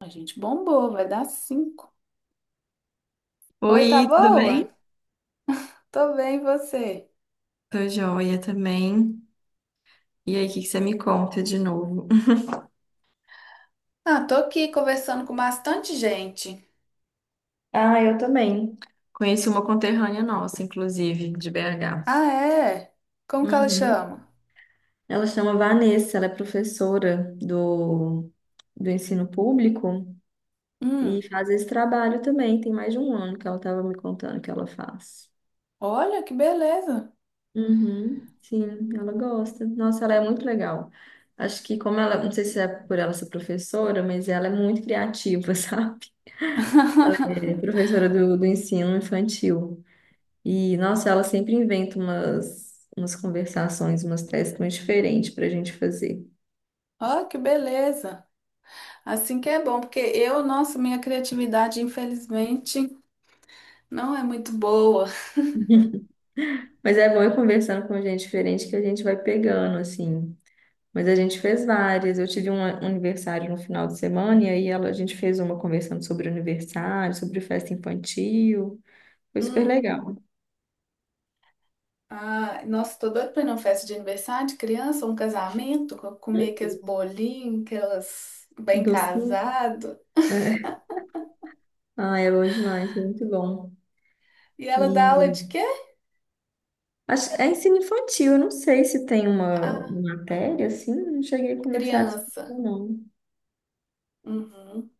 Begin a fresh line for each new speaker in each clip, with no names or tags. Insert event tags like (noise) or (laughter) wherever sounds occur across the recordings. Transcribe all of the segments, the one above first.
A gente bombou, vai dar cinco. Oi, tá
Oi, tudo
boa?
bem?
Tô bem, e você?
Tô joia também. E aí, o que que você me conta de novo?
Ah, tô aqui conversando com bastante gente.
(laughs) Ah, eu também. Conheci uma conterrânea nossa, inclusive, de BH.
Ah, é? Como que ela
Uhum.
chama?
Ela chama Vanessa, ela é professora do ensino público e
Hum,
faz esse trabalho também. Tem mais de um ano que ela estava me contando que ela faz.
olha que beleza.
Uhum, sim, ela gosta. Nossa, ela é muito legal. Acho que como ela, não sei se é por ela ser professora, mas ela é muito criativa, (laughs) sabe? Ela
(laughs)
é professora do ensino infantil. E, nossa, ela sempre inventa umas conversações, umas testes muito diferentes para a gente fazer.
Olha que beleza. Assim que é bom, porque eu, nossa, minha criatividade, infelizmente, não é muito boa.
Mas é bom ir conversando com gente diferente que a gente vai pegando, assim. Mas a gente fez várias. Eu tive um aniversário no final de semana e aí ela, a gente fez uma conversando sobre aniversário, sobre festa infantil. Foi super
Hum,
legal.
ah, nossa, tô doida pra ir numa festa de aniversário de criança, um casamento, comer aqueles bolinhos, aquelas bem
Docinho.
casado.
É. Ah, é bom demais, é muito bom.
E ela dá aula de
E
quê?
Acho, é ensino infantil, eu não sei se tem uma matéria assim, não cheguei a conversar disso,
Criança.
não.
Uhum.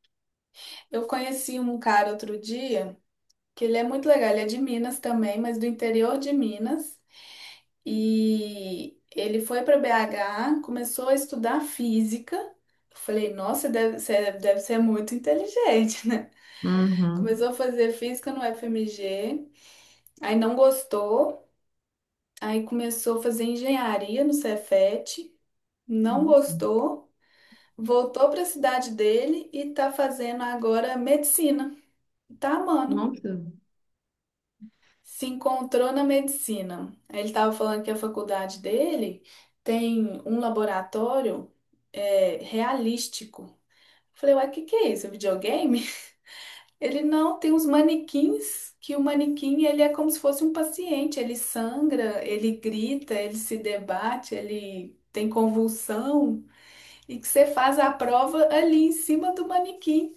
Eu conheci um cara outro dia, que ele é muito legal, ele é de Minas também, mas do interior de Minas. E ele foi para BH, começou a estudar física. Eu falei, nossa, deve, você deve ser muito inteligente, (laughs) né?
Uhum.
Começou a fazer física no FMG, aí não gostou, aí começou a fazer engenharia no Cefet, não gostou, voltou para a cidade dele e tá fazendo agora medicina. Tá, mano.
Nossa.
Se encontrou na medicina. Aí ele tava falando que a faculdade dele tem um laboratório é, realístico. Falei, uai, o que que é isso? É videogame? (laughs) Ele não, tem uns manequins, que o manequim ele é como se fosse um paciente. Ele sangra, ele grita, ele se debate, ele tem convulsão. E que você faz a prova ali em cima do manequim.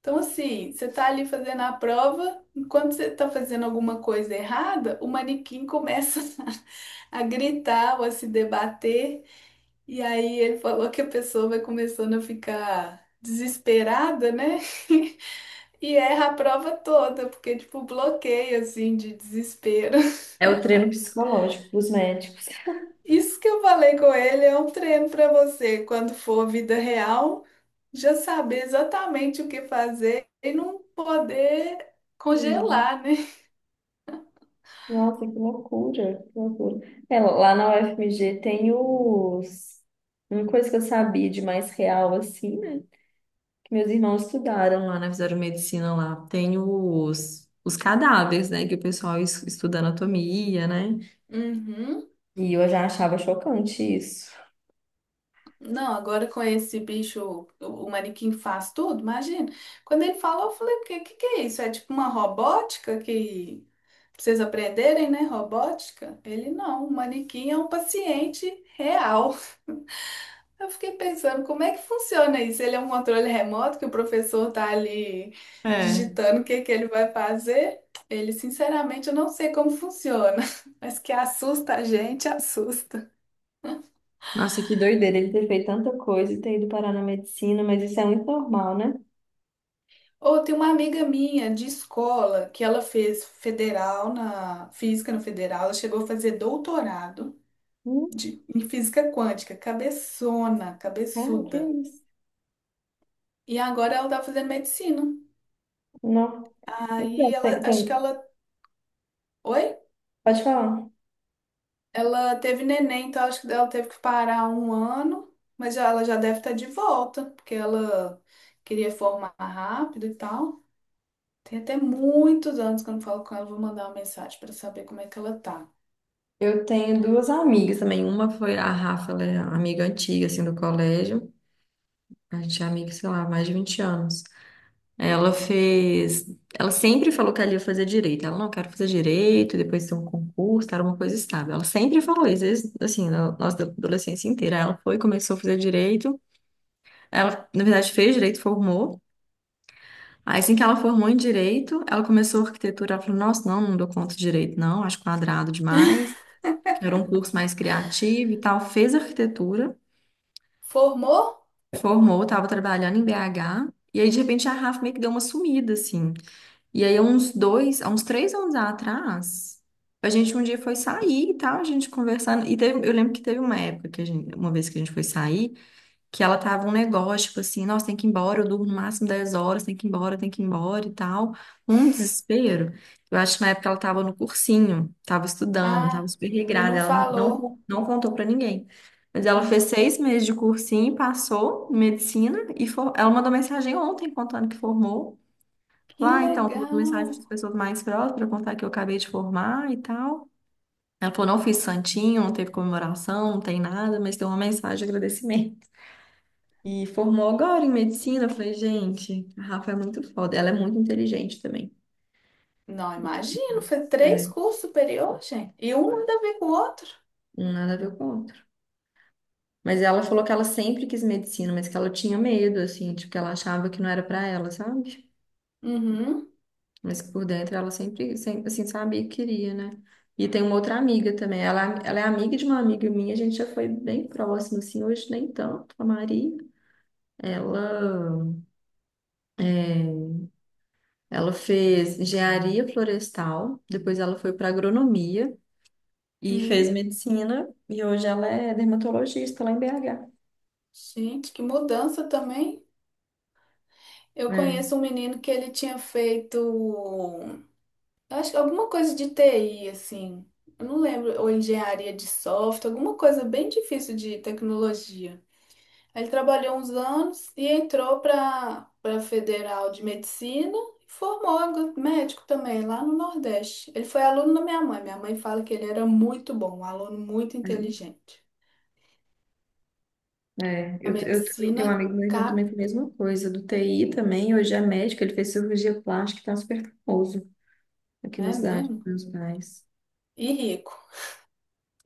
Então, assim, você tá ali fazendo a prova, enquanto você tá fazendo alguma coisa errada, o manequim começa (laughs) a gritar ou a se debater, e aí ele falou que a pessoa vai começando a ficar desesperada, né? (laughs) E erra a prova toda, porque, tipo, bloqueio, assim, de desespero. (laughs)
É o treino psicológico dos médicos.
Isso que eu falei com ele é um treino pra você, quando for vida real, já saber exatamente o que fazer e não poder
Hum,
congelar, né?
Nossa, que loucura, que loucura. É, lá na UFMG tem os... Uma coisa que eu sabia de mais real, assim, né? Que meus irmãos estudaram lá, né? Fizeram medicina lá. Tem os cadáveres, né? Que o pessoal estuda anatomia, né?
Uhum.
E eu já achava chocante isso.
Não, agora com esse bicho, o manequim faz tudo, imagina. Quando ele falou, eu falei, o que, que é isso? É tipo uma robótica que pra vocês aprenderem, né? Robótica? Ele não, o manequim é um paciente real. (laughs) Eu fiquei pensando, como é que funciona isso? Ele é um controle remoto que o professor tá ali
É.
digitando o que que ele vai fazer? Ele, sinceramente, eu não sei como funciona, (laughs) mas que assusta a gente, assusta.
Nossa, que doideira ele ter feito tanta coisa e ter ido parar na medicina, mas isso é muito normal, né?
Ou tem uma amiga minha de escola que ela fez federal na física no federal, ela chegou a fazer doutorado
Hum,
de, em física quântica, cabeçona,
cara, que
cabeçuda.
isso?
E agora ela tá fazendo medicina.
Não. Então,
Aí ela, acho que ela, oi?
pode falar.
Ela teve neném, então acho que ela teve que parar um ano, mas já, ela já deve estar de volta, porque ela queria formar rápido e tal. Tem até muitos anos que eu não falo com ela, vou mandar uma mensagem para saber como é que ela tá.
Eu tenho duas amigas também. Uma foi a Rafa, ela é amiga antiga, assim, do colégio. A gente é amiga, sei lá, há mais de 20 anos. Ela fez. Ela sempre falou que ela ia fazer direito. Ela não quer fazer direito, depois ter um concurso, era uma coisa estável. Ela sempre falou isso, desde, assim, na nossa adolescência inteira. Ela foi, começou a fazer direito. Ela, na verdade, fez direito, formou. Aí, assim que ela formou em direito, ela começou arquitetura. Ela falou: Nossa, não, não dou conta de direito, não, acho quadrado
(laughs)
demais. Quero um curso mais criativo e tal. Fez arquitetura,
Formou?
formou, estava trabalhando em BH. E aí, de repente, a Rafa meio que deu uma sumida, assim. E aí, há uns três anos atrás, a gente um dia foi sair e tal, a gente conversando. Eu lembro que teve uma época que uma vez que a gente foi sair. Que ela tava um negócio, tipo assim, nossa, tem que ir embora, eu durmo no máximo 10 horas, tem que ir embora, tem que ir embora e tal. Um desespero. Eu acho que na época ela tava no cursinho, tava estudando, tava
Ah,
super
e
regrada,
não
ela não,
falou.
não, não contou pra ninguém. Mas ela fez
Hum,
6 meses de cursinho, passou em medicina. Ela mandou mensagem ontem contando que formou.
que
Lá, ah, então, tô mandando
legal.
mensagem para as pessoas mais próximas para contar que eu acabei de formar e tal. Ela falou, não fiz santinho, não teve comemoração, não tem nada, mas tem uma mensagem de agradecimento. E formou agora em medicina. Eu falei, gente, a Rafa é muito foda. Ela é muito inteligente também.
Não, imagino, foi três
É,
cursos superiores, gente. E um ainda a ver com o outro.
um nada a ver com o outro. Mas ela falou que ela sempre quis medicina, mas que ela tinha medo, assim, tipo, que ela achava que não era pra ela, sabe?
Uhum,
Mas que por dentro ela sempre, sempre, assim, sabia que queria, né? E tem uma outra amiga também. Ela é amiga de uma amiga minha, a gente já foi bem próximo, assim, hoje nem tanto, a Maria. Ela, ela fez engenharia florestal, depois ela foi para agronomia e fez
uhum.
medicina, e hoje ela é dermatologista lá em BH.
Gente, que mudança também. Eu
É,
conheço um menino que ele tinha feito, eu acho que alguma coisa de TI, assim. Eu não lembro, ou engenharia de software, alguma coisa bem difícil de tecnologia. Aí ele trabalhou uns anos e entrou para Federal de Medicina e formou agora médico também, lá no Nordeste. Ele foi aluno da minha mãe. Minha mãe fala que ele era muito bom, um aluno muito inteligente.
é.
A
Eu também
medicina
tenho um amigo, meu irmão também
cap,
foi a mesma coisa, do TI também, hoje é médico, ele fez cirurgia plástica e tá super famoso aqui na
é
cidade dos
mesmo?
meus pais.
E rico.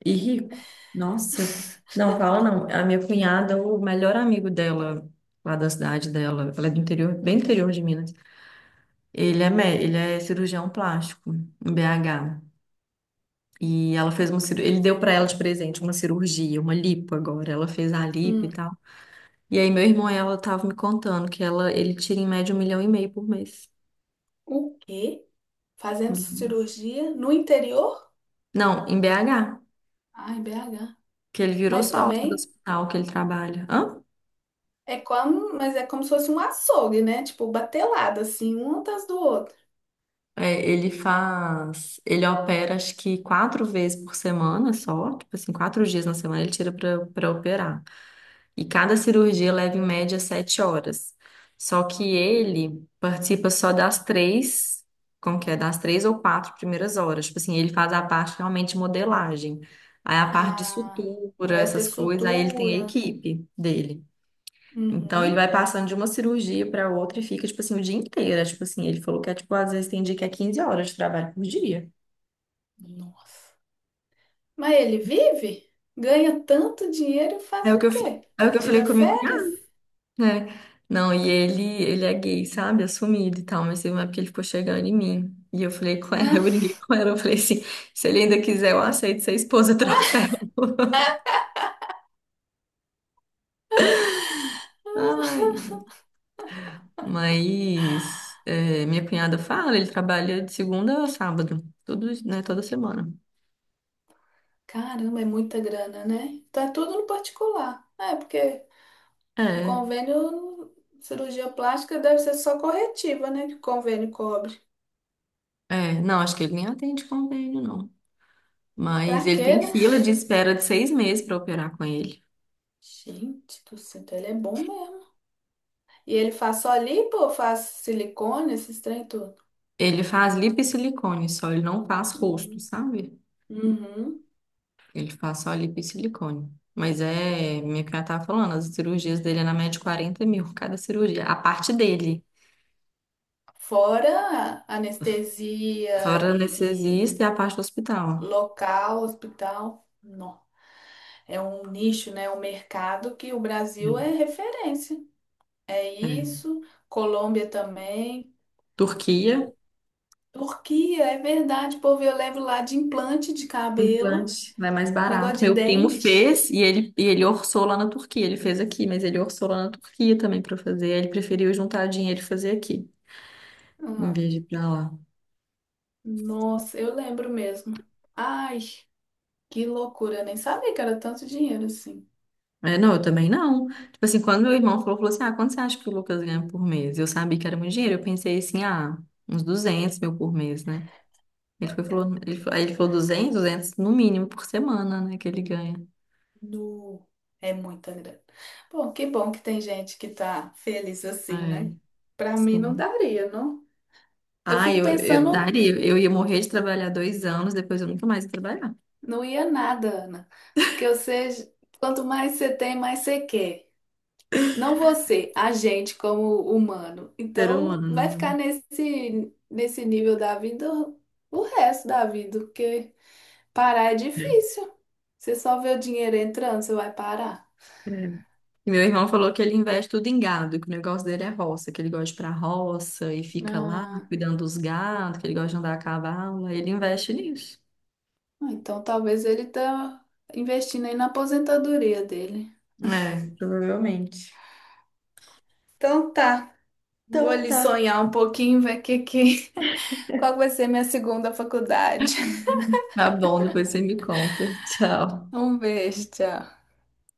E rico. Nossa, não fala não. A minha cunhada, o melhor amigo dela, lá da cidade dela, ela é do interior, bem interior de Minas. Ele é cirurgião plástico em BH. E ela fez uma cirurgia, ele deu pra ela de presente uma cirurgia, uma lipo agora, ela fez a lipo e
Hum,
tal. E aí meu irmão, ela tava me contando que ele tira em média um milhão e meio por mês.
o quê?
Um
Fazendo
milhão.
cirurgia no interior?
Não, em BH,
Ai, BH.
que ele virou
Mas
sócio do
também
hospital que ele trabalha. Hã?
é como, mas é como se fosse um açougue, né? Tipo, batelada, assim, um atrás do outro.
É, ele faz, ele opera acho que 4 vezes por semana só, tipo assim, 4 dias na semana ele tira para operar. E cada cirurgia leva em média 7 horas. Só que ele participa só das três, como que é? Das três ou quatro primeiras horas. Tipo assim, ele faz a parte realmente de modelagem. Aí a parte de
Ah, o
sutura,
resto é
essas coisas, aí ele tem a
sutura.
equipe dele. Então ele
Uhum.
vai passando de uma cirurgia para outra e fica, tipo assim, o dia inteiro. É, tipo assim, ele falou que é, tipo, às vezes tem dia que é 15 horas de trabalho por dia.
Nossa. Mas ele vive? Ganha tanto dinheiro e
É
faz
o que
o
eu, f-
quê?
é o que eu falei
Tira
comigo,
férias?
né? Não, e ele é gay, sabe? Assumido e tal, mas teve uma época que ele ficou chegando em mim. E eu falei com ela, (laughs) eu
Ah,
briguei com ela, eu falei assim, se ele ainda quiser, eu aceito ser esposa troféu. (laughs) Ai, mas é, minha cunhada fala, ele trabalha de segunda a sábado, todos, né, toda semana.
caramba, é muita grana, né? Tá tudo no particular. É, porque o
É,
convênio, cirurgia plástica deve ser só corretiva, né? Que o convênio cobre.
é, não, acho que ele nem atende convênio, não. Mas
Pra
ele
quê,
tem
né?
fila de espera de 6 meses pra operar com ele.
Gente do céu, então ele é bom mesmo. E ele faz só lipo ou faz silicone, esses trem tudo?
Ele faz lipo e silicone só, ele não faz rosto,
Uhum.
sabe?
Uhum.
Ele faz só lipo e silicone. Mas é, minha cunhada tava falando, as cirurgias dele é na média de 40 mil cada cirurgia. A parte dele,
Fora anestesia
fora
e
anestesista e a parte do hospital.
local, hospital, não. É um nicho, né? Um mercado que o Brasil é referência. É
É. É.
isso, Colômbia também.
Turquia,
Turquia, é verdade, povo, eu levo lá de implante de cabelo,
implante, né, mais barato.
negócio de
Meu primo
dente.
fez e ele orçou lá na Turquia. Ele fez aqui, mas ele orçou lá na Turquia também para fazer. Ele preferiu juntar dinheiro e fazer aqui, em
Ah,
vez de ir pra lá.
nossa, eu lembro mesmo. Ai, que loucura, eu nem sabia que era tanto dinheiro assim.
É, não, eu também não. Tipo assim, quando meu irmão falou assim, ah, quanto você acha que o Lucas ganha por mês? Eu sabia que era muito dinheiro, eu pensei assim, ah, uns 200 mil por mês, né? Ele foi, e falou, aí ele falou duzentos no mínimo por semana, né, que ele ganha.
No... É muita grana. Bom que tem gente que tá feliz assim,
É,
né? Pra mim não
sim.
daria, não. Eu
Ah,
fico
eu
pensando,
daria, eu ia morrer de trabalhar 2 anos, depois eu nunca mais ia trabalhar.
não ia nada, Ana. Porque você, quanto mais você tem, mais você quer. Não você, a gente como humano.
Ser
Então,
humano,
vai ficar
né?
nesse nível da vida o resto da vida, porque parar é difícil. Você só vê o dinheiro entrando, você vai parar.
É. E meu irmão falou que ele investe tudo em gado, que o negócio dele é roça, que ele gosta de ir pra roça e fica lá cuidando dos gados, que ele gosta de andar a cavalo, aí ele investe nisso.
Ah, então talvez ele tá investindo aí na aposentadoria dele.
É, provavelmente.
Então tá, vou
Então
ali
tá.
sonhar um pouquinho, ver que... (laughs) qual vai ser minha segunda faculdade. (laughs)
Tá bom, depois você me conta. (laughs) Tchau.
Um beijo, tchau.